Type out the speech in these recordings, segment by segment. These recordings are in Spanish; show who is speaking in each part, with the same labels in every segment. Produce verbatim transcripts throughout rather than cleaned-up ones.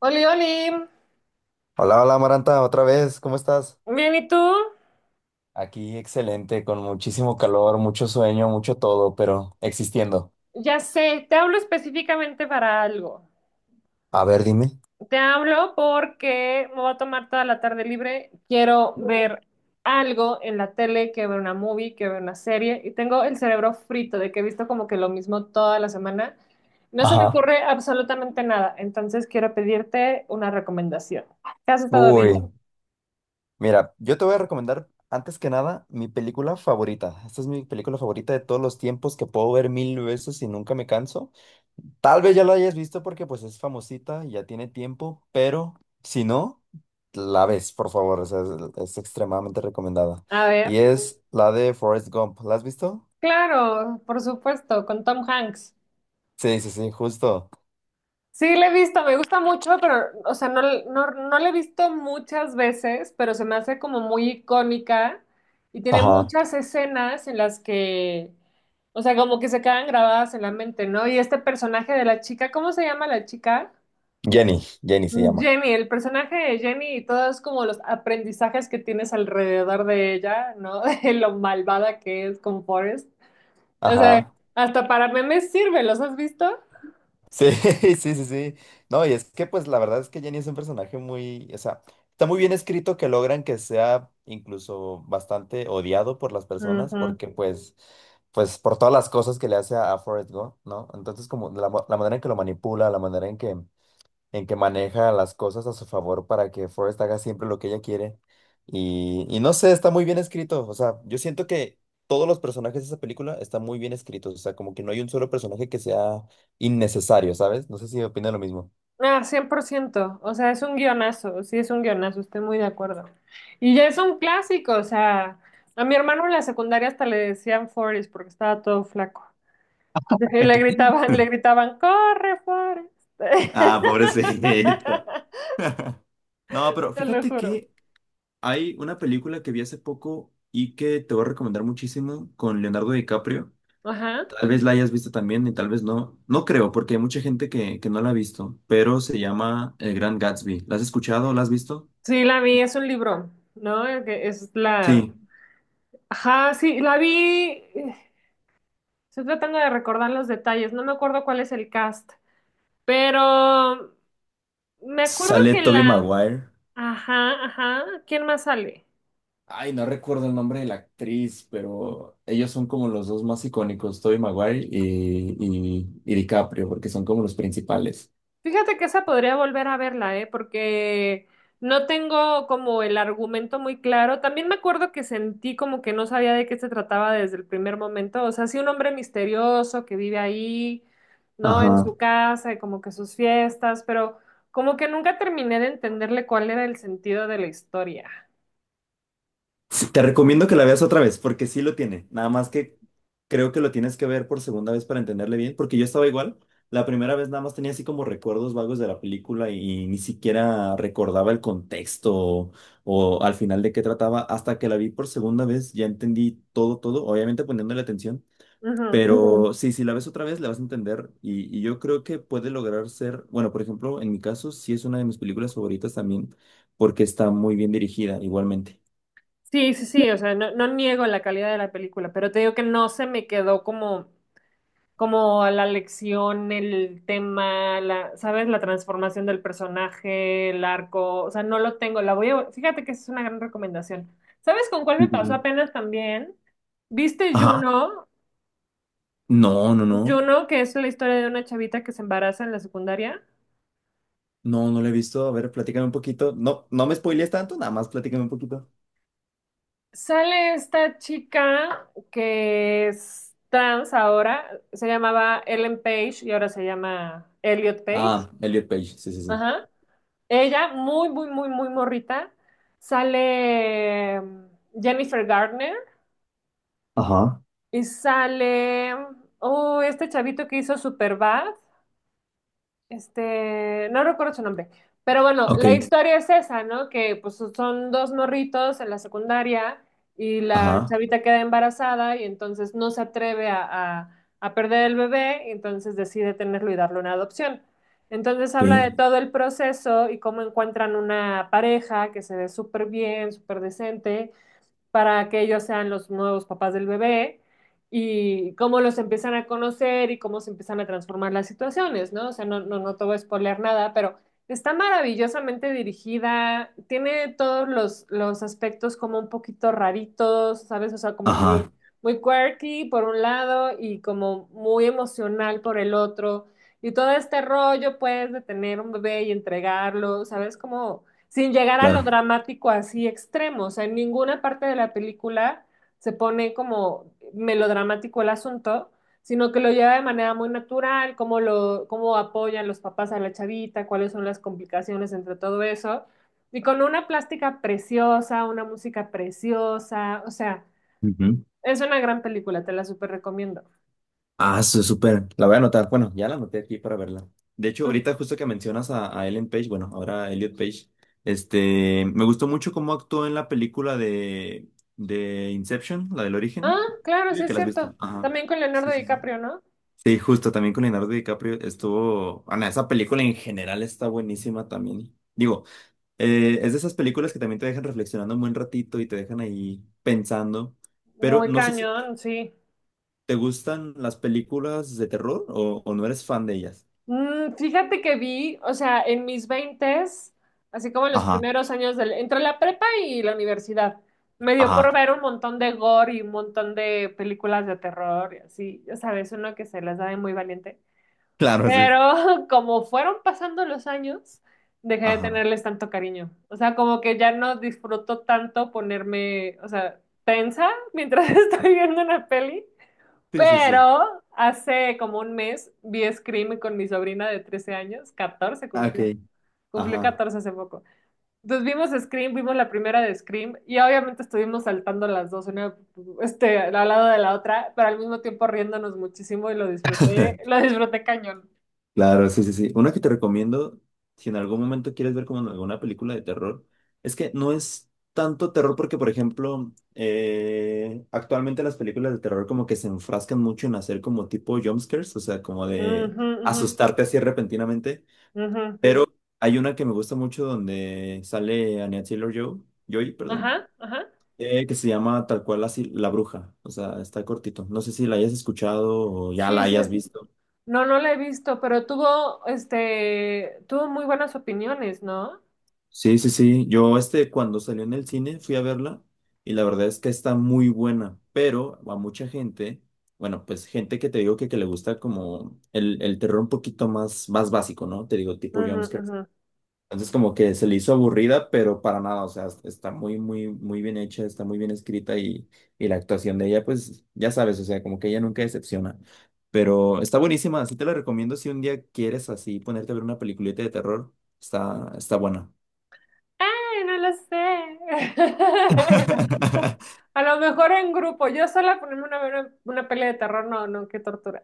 Speaker 1: Oli, Oli.
Speaker 2: Hola, hola Maranta, otra vez, ¿cómo estás?
Speaker 1: Bien, ¿y tú?
Speaker 2: Aquí excelente, con muchísimo calor, mucho sueño, mucho todo, pero existiendo.
Speaker 1: Ya sé, te hablo específicamente para algo.
Speaker 2: A ver, dime.
Speaker 1: Te hablo porque me voy a tomar toda la tarde libre. Quiero ver algo en la tele, quiero ver una movie, quiero ver una serie y tengo el cerebro frito de que he visto como que lo mismo toda la semana. No se me
Speaker 2: Ajá.
Speaker 1: ocurre absolutamente nada, entonces quiero pedirte una recomendación. ¿Qué has estado
Speaker 2: Uy,
Speaker 1: viendo?
Speaker 2: mira, yo te voy a recomendar antes que nada mi película favorita. Esta es mi película favorita de todos los tiempos que puedo ver mil veces y nunca me canso. Tal vez ya la hayas visto porque pues es famosita, y ya tiene tiempo, pero si no, la ves, por favor, o sea, es, es extremadamente recomendada.
Speaker 1: A
Speaker 2: Y
Speaker 1: ver,
Speaker 2: es la de Forrest Gump. ¿La has visto?
Speaker 1: claro, por supuesto, con Tom Hanks.
Speaker 2: Sí, sí, sí, justo.
Speaker 1: Sí, le he visto, me gusta mucho, pero, o sea, no, no, no le he visto muchas veces, pero se me hace como muy icónica y tiene
Speaker 2: Ajá.
Speaker 1: muchas escenas en las que, o sea, como que se quedan grabadas en la mente, ¿no? Y este personaje de la chica, ¿cómo se llama la chica?
Speaker 2: Jenny, Jenny se
Speaker 1: Mm,
Speaker 2: llama.
Speaker 1: Jenny, el personaje de Jenny y todos como los aprendizajes que tienes alrededor de ella, ¿no? De lo malvada que es con Forrest. O sea,
Speaker 2: Ajá.
Speaker 1: hasta para memes sirve, ¿los has visto?
Speaker 2: Sí, sí, sí, sí. No, y es que pues la verdad es que Jenny es un personaje muy, o sea, está muy bien escrito que logran que sea incluso bastante odiado por las personas
Speaker 1: Ujú.
Speaker 2: porque pues, pues por todas las cosas que le hace a, a Forrest Gump, ¿no? Entonces como la, mo- la manera en que lo manipula, la manera en que en que maneja las cosas a su favor para que Forrest haga siempre lo que ella quiere. Y, y no sé, está muy bien escrito. O sea, yo siento que todos los personajes de esa película están muy bien escritos. O sea, como que no hay un solo personaje que sea innecesario, ¿sabes? No sé si opina lo mismo.
Speaker 1: Ah, cien por ciento, o sea, es un guionazo, sí es un guionazo, estoy muy de acuerdo. Y ya es un clásico, o sea, a mi hermano en la secundaria hasta le decían Forrest porque estaba todo flaco. Y le gritaban, le gritaban, ¡corre, Forrest!
Speaker 2: Ah, pobrecito. No, pero
Speaker 1: Te lo
Speaker 2: fíjate
Speaker 1: juro.
Speaker 2: que hay una película que vi hace poco y que te voy a recomendar muchísimo con Leonardo DiCaprio.
Speaker 1: Ajá.
Speaker 2: Tal vez la hayas visto también y tal vez no. No creo, porque hay mucha gente que, que no la ha visto, pero se llama El Gran Gatsby. ¿La has escuchado? ¿La has visto?
Speaker 1: Sí, la vi, es un libro, ¿no? El que Es la...
Speaker 2: Sí.
Speaker 1: Ajá, sí, la vi. Estoy tratando de recordar los detalles, no me acuerdo cuál es el cast, pero me acuerdo
Speaker 2: Sale
Speaker 1: que
Speaker 2: Tobey
Speaker 1: la...
Speaker 2: Maguire.
Speaker 1: Ajá, ajá. ¿Quién más sale?
Speaker 2: Ay, no recuerdo el nombre de la actriz, pero ellos son como los dos más icónicos, Tobey Maguire y, y, y DiCaprio, porque son como los principales.
Speaker 1: Fíjate que esa podría volver a verla, ¿eh? Porque no tengo como el argumento muy claro. También me acuerdo que sentí como que no sabía de qué se trataba desde el primer momento. O sea, sí un hombre misterioso que vive ahí, ¿no? En su
Speaker 2: Ajá.
Speaker 1: casa y como que sus fiestas, pero como que nunca terminé de entenderle cuál era el sentido de la historia.
Speaker 2: Sí, te recomiendo que la veas otra vez, porque sí lo tiene. Nada más que creo que lo tienes que ver por segunda vez para entenderle bien, porque yo estaba igual. La primera vez nada más tenía así como recuerdos vagos de la película y ni siquiera recordaba el contexto o, o al final de qué trataba. Hasta que la vi por segunda vez ya entendí todo, todo, obviamente poniéndole atención. Ujú.
Speaker 1: Ujú.
Speaker 2: Pero sí, si la ves otra vez, la vas a entender y, y yo creo que puede lograr ser, bueno, por ejemplo, en mi caso, sí es una de mis películas favoritas también, porque está muy bien dirigida igualmente.
Speaker 1: Sí, sí, sí, o sea, no, no niego la calidad de la película, pero te digo que no se me quedó como... como la lección, el tema, la, ¿sabes? La transformación del personaje, el arco, o sea, no lo tengo, la voy a, fíjate que esa es una gran recomendación. ¿Sabes con cuál me
Speaker 2: Sí, sí,
Speaker 1: pasó
Speaker 2: sí.
Speaker 1: apenas también? ¿Viste
Speaker 2: Ajá.
Speaker 1: Juno?
Speaker 2: No, no, no.
Speaker 1: Juno, que es la historia de una chavita que se embaraza en la secundaria.
Speaker 2: No, no la he visto. A ver, platícame un poquito. No, no me spoilees tanto, nada más platícame un poquito.
Speaker 1: Sale esta chica que es trans ahora, se llamaba Ellen Page y ahora se llama Elliot Page.
Speaker 2: Ah, Elliot Page, sí, sí, sí.
Speaker 1: Ajá. Ella, muy, muy, muy, muy morrita. Sale mm, Jennifer Garner
Speaker 2: Ajá.
Speaker 1: y sale, mm, oh, este chavito que hizo Superbad. Este, no recuerdo su nombre, pero bueno,
Speaker 2: Ok.
Speaker 1: la historia es esa, ¿no? Que pues so, son dos morritos en la secundaria y la
Speaker 2: Ajá.
Speaker 1: chavita queda embarazada y entonces no se atreve a, a- a perder el bebé y entonces decide tenerlo y darle una adopción. Entonces
Speaker 2: Ok.
Speaker 1: habla de todo el proceso y cómo encuentran una pareja que se ve súper bien, súper decente para que ellos sean los nuevos papás del bebé y cómo los empiezan a conocer y cómo se empiezan a transformar las situaciones, ¿no? O sea, no, no, no te voy a spoiler nada, pero está maravillosamente dirigida, tiene todos los, los aspectos como un poquito raritos, ¿sabes? O sea, como muy,
Speaker 2: Ajá.
Speaker 1: muy quirky por un lado y como muy emocional por el otro. Y todo este rollo, pues, de tener un bebé y entregarlo, ¿sabes? Como sin llegar a lo
Speaker 2: Claro.
Speaker 1: dramático así extremo. O sea, en ninguna parte de la película se pone como melodramático el asunto, sino que lo lleva de manera muy natural, cómo lo, cómo apoyan los papás a la chavita, cuáles son las complicaciones entre todo eso. Y con una plástica preciosa, una música preciosa, o sea,
Speaker 2: Ujú.
Speaker 1: es una gran película, te la súper recomiendo.
Speaker 2: Ah, eso súper. La voy a anotar. Bueno, ya la anoté aquí para verla. De hecho, ahorita justo que mencionas a, a Ellen Page, bueno, ahora a Elliot Page, este, me gustó mucho cómo actuó en la película de, de Inception, la del
Speaker 1: Ah,
Speaker 2: origen.
Speaker 1: claro, sí
Speaker 2: Digo que
Speaker 1: es
Speaker 2: la has
Speaker 1: cierto.
Speaker 2: visto. Ajá.
Speaker 1: También con Leonardo
Speaker 2: Sí, sí, sí.
Speaker 1: DiCaprio, ¿no?
Speaker 2: Sí, justo también con Leonardo DiCaprio estuvo. Ana, esa película en general está buenísima también. Digo, eh, es de esas películas que también te dejan reflexionando un buen ratito y te dejan ahí pensando. Pero
Speaker 1: Muy
Speaker 2: no sé si
Speaker 1: cañón, sí.
Speaker 2: te gustan las películas de terror o, o no eres fan de ellas.
Speaker 1: Mm, fíjate que vi, o sea, en mis veintes, así como en los
Speaker 2: Ajá,
Speaker 1: primeros años del, entre la prepa y la universidad, me dio
Speaker 2: ajá,
Speaker 1: por ver un montón de gore y un montón de películas de terror y así, ya sabes, uno que se las da de muy valiente.
Speaker 2: claro, sí.
Speaker 1: Pero como fueron pasando los años, dejé de
Speaker 2: Ajá.
Speaker 1: tenerles tanto cariño. O sea, como que ya no disfruto tanto ponerme, o sea, tensa mientras estoy viendo una peli.
Speaker 2: Sí, sí, sí.
Speaker 1: Pero hace como un mes vi Scream con mi sobrina de trece años, catorce
Speaker 2: Ah, ok.
Speaker 1: cumplió, cumplió
Speaker 2: Ajá.
Speaker 1: catorce hace poco. Entonces vimos Scream, vimos la primera de Scream y obviamente estuvimos saltando las dos, una este, al lado de la otra, pero al mismo tiempo riéndonos muchísimo y lo disfruté, lo disfruté cañón.
Speaker 2: Claro, sí, sí, sí. Una que te recomiendo, si en algún momento quieres ver como en alguna película de terror, es que no es tanto terror porque, por ejemplo, eh, actualmente las películas de terror como que se enfrascan mucho en hacer como tipo jumpscares, o sea, como de
Speaker 1: Ujú, ujú,
Speaker 2: asustarte así repentinamente.
Speaker 1: ujú.
Speaker 2: Pero hay una que me gusta mucho donde sale Anya Taylor-Joy, Joy, perdón,
Speaker 1: Ajá, ajá.
Speaker 2: eh, que se llama tal cual así La Bruja, o sea, está cortito. No sé si la hayas escuchado o ya la
Speaker 1: Sí, sí.
Speaker 2: hayas visto.
Speaker 1: No, no la he visto, pero tuvo, este, tuvo muy buenas opiniones, ¿no?
Speaker 2: Sí, sí, sí. Yo, este, cuando salió en el cine, fui a verla y la verdad es que está muy buena, pero a mucha gente, bueno, pues gente que te digo que, que le gusta como el, el terror un poquito más, más básico, ¿no? Te digo, tipo
Speaker 1: Ujú,
Speaker 2: jumpscares.
Speaker 1: ujú.
Speaker 2: Entonces, como que se le hizo aburrida, pero para nada, o sea, está muy, muy, muy bien hecha, está muy bien escrita y, y la actuación de ella, pues ya sabes, o sea, como que ella nunca decepciona. Pero está buenísima, así te la recomiendo si un día quieres así ponerte a ver una peliculita de terror, está, está buena.
Speaker 1: Ay, no lo sé. A lo mejor en grupo. Yo sola ponerme una, una, una peli de terror, no, no, qué tortura.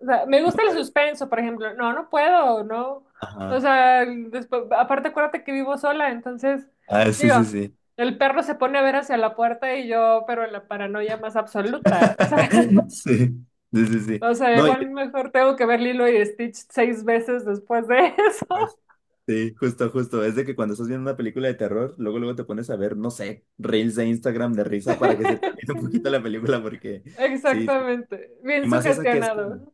Speaker 1: O sea, me
Speaker 2: ¿No
Speaker 1: gusta el
Speaker 2: puedes?
Speaker 1: suspenso, por ejemplo. No, no puedo, no. O
Speaker 2: Ajá.
Speaker 1: sea, después, aparte acuérdate que vivo sola, entonces,
Speaker 2: Ah, sí, sí,
Speaker 1: digo,
Speaker 2: sí.
Speaker 1: el perro se pone a ver hacia la puerta y yo, pero en la paranoia más absoluta. O sea,
Speaker 2: Sí, sí, sí, sí.
Speaker 1: o sea,
Speaker 2: No, y
Speaker 1: igual mejor tengo que ver Lilo y Stitch seis veces después de eso.
Speaker 2: después. Sí, justo, justo. Es de que cuando estás viendo una película de terror, luego, luego te pones a ver, no sé, reels de Instagram de risa para que se te olvide un poquito la película, porque sí, sí.
Speaker 1: Exactamente. Bien
Speaker 2: Y más esa que es como.
Speaker 1: sugestionado.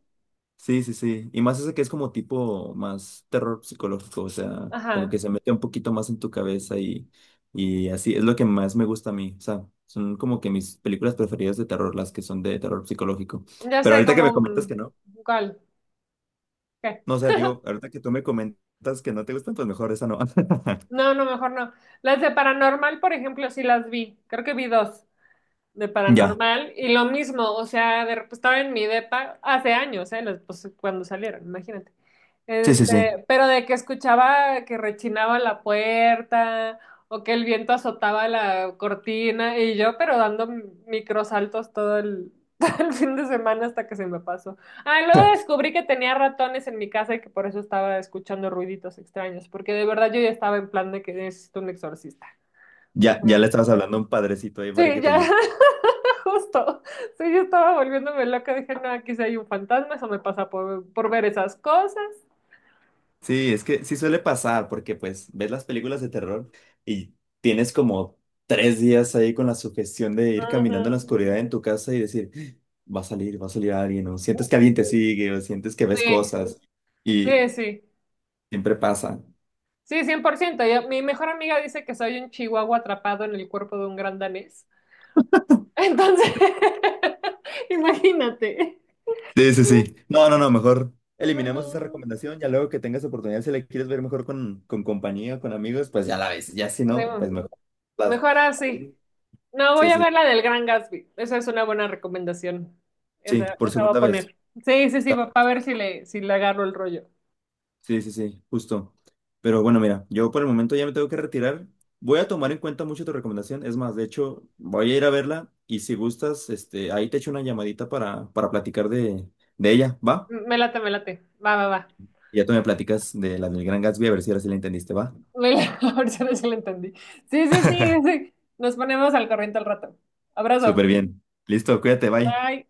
Speaker 2: Sí, sí, sí. Y más ese que es como tipo más terror psicológico, o sea, como
Speaker 1: Ajá.
Speaker 2: que se mete un poquito más en tu cabeza y, y así es lo que más me gusta a mí. O sea, son como que mis películas preferidas de terror, las que son de terror psicológico.
Speaker 1: Ya
Speaker 2: Pero
Speaker 1: sé
Speaker 2: ahorita que me
Speaker 1: cómo.
Speaker 2: comentas
Speaker 1: mm,
Speaker 2: que no,
Speaker 1: ¿Cuál? ¿Qué?
Speaker 2: no, o sea, digo, ahorita que tú me comentas que no te gustan, pues mejor esa no.
Speaker 1: No, no, mejor no. Las de Paranormal, por ejemplo, sí las vi. Creo que vi dos. De
Speaker 2: Ya,
Speaker 1: paranormal y lo mismo, o sea, de, estaba en mi depa hace años, ¿eh? Los- pues, cuando salieron, imagínate.
Speaker 2: sí, sí, sí.
Speaker 1: Este, pero de que escuchaba que rechinaba la puerta o que el viento azotaba la cortina y yo, pero dando microsaltos todo el, todo el fin de semana hasta que se me pasó. Ah, luego descubrí que tenía ratones en mi casa y que por eso estaba escuchando ruiditos extraños, porque de verdad yo ya estaba en plan de que necesito un exorcista.
Speaker 2: Ya, ya le estabas hablando a un padrecito ahí para
Speaker 1: Sí,
Speaker 2: que te
Speaker 1: ya,
Speaker 2: ayude.
Speaker 1: justo. Sí, yo estaba volviéndome loca. Dije, no, aquí sí hay un fantasma, eso me pasa por, por ver esas cosas.
Speaker 2: Sí, es que sí suele pasar, porque pues ves las películas de terror y tienes como tres días ahí con la sugestión de ir caminando en la
Speaker 1: Ujú.
Speaker 2: oscuridad en tu casa y decir, "¡Ah! va a salir, va a salir alguien, o sientes que alguien te sigue, o sientes que ves
Speaker 1: Sí,
Speaker 2: cosas, y
Speaker 1: sí, sí.
Speaker 2: siempre pasa.
Speaker 1: Sí, cien por ciento. Ya- mi mejor amiga dice que soy un chihuahua atrapado en el cuerpo de un gran danés. Entonces, imagínate.
Speaker 2: Sí, sí, sí. No, no, no, mejor eliminemos esa
Speaker 1: Mejor,
Speaker 2: recomendación, ya luego que tengas oportunidad, si la quieres ver mejor con, con compañía, con amigos, pues ya la ves, ya si no, pues mejor. Las-
Speaker 1: Mejor así. No, voy
Speaker 2: sí,
Speaker 1: a
Speaker 2: sí,
Speaker 1: ver la del Gran Gatsby. Esa es una buena recomendación.
Speaker 2: sí,
Speaker 1: Esa,
Speaker 2: por
Speaker 1: esa va a
Speaker 2: segunda vez.
Speaker 1: poner. Sí, sí, sí, va a ver si le, si le, agarro el rollo.
Speaker 2: Sí, sí, sí, justo. Pero bueno, mira, yo por el momento ya me tengo que retirar. Voy a tomar en cuenta mucho tu recomendación. Es más, de hecho, voy a ir a verla y si gustas, este, ahí te echo una llamadita para, para platicar de, de ella, ¿va?
Speaker 1: M- Me late, me late. Va, va, va.
Speaker 2: Y ya tú me platicas de la del Gran Gatsby, a ver si ahora sí la entendiste, ¿va?
Speaker 1: Me la- Ahora sí sí lo entendí. Sí, sí, sí, sí. Nos ponemos al corriente al rato. Abrazo.
Speaker 2: Súper bien. Listo, cuídate, bye.
Speaker 1: Bye.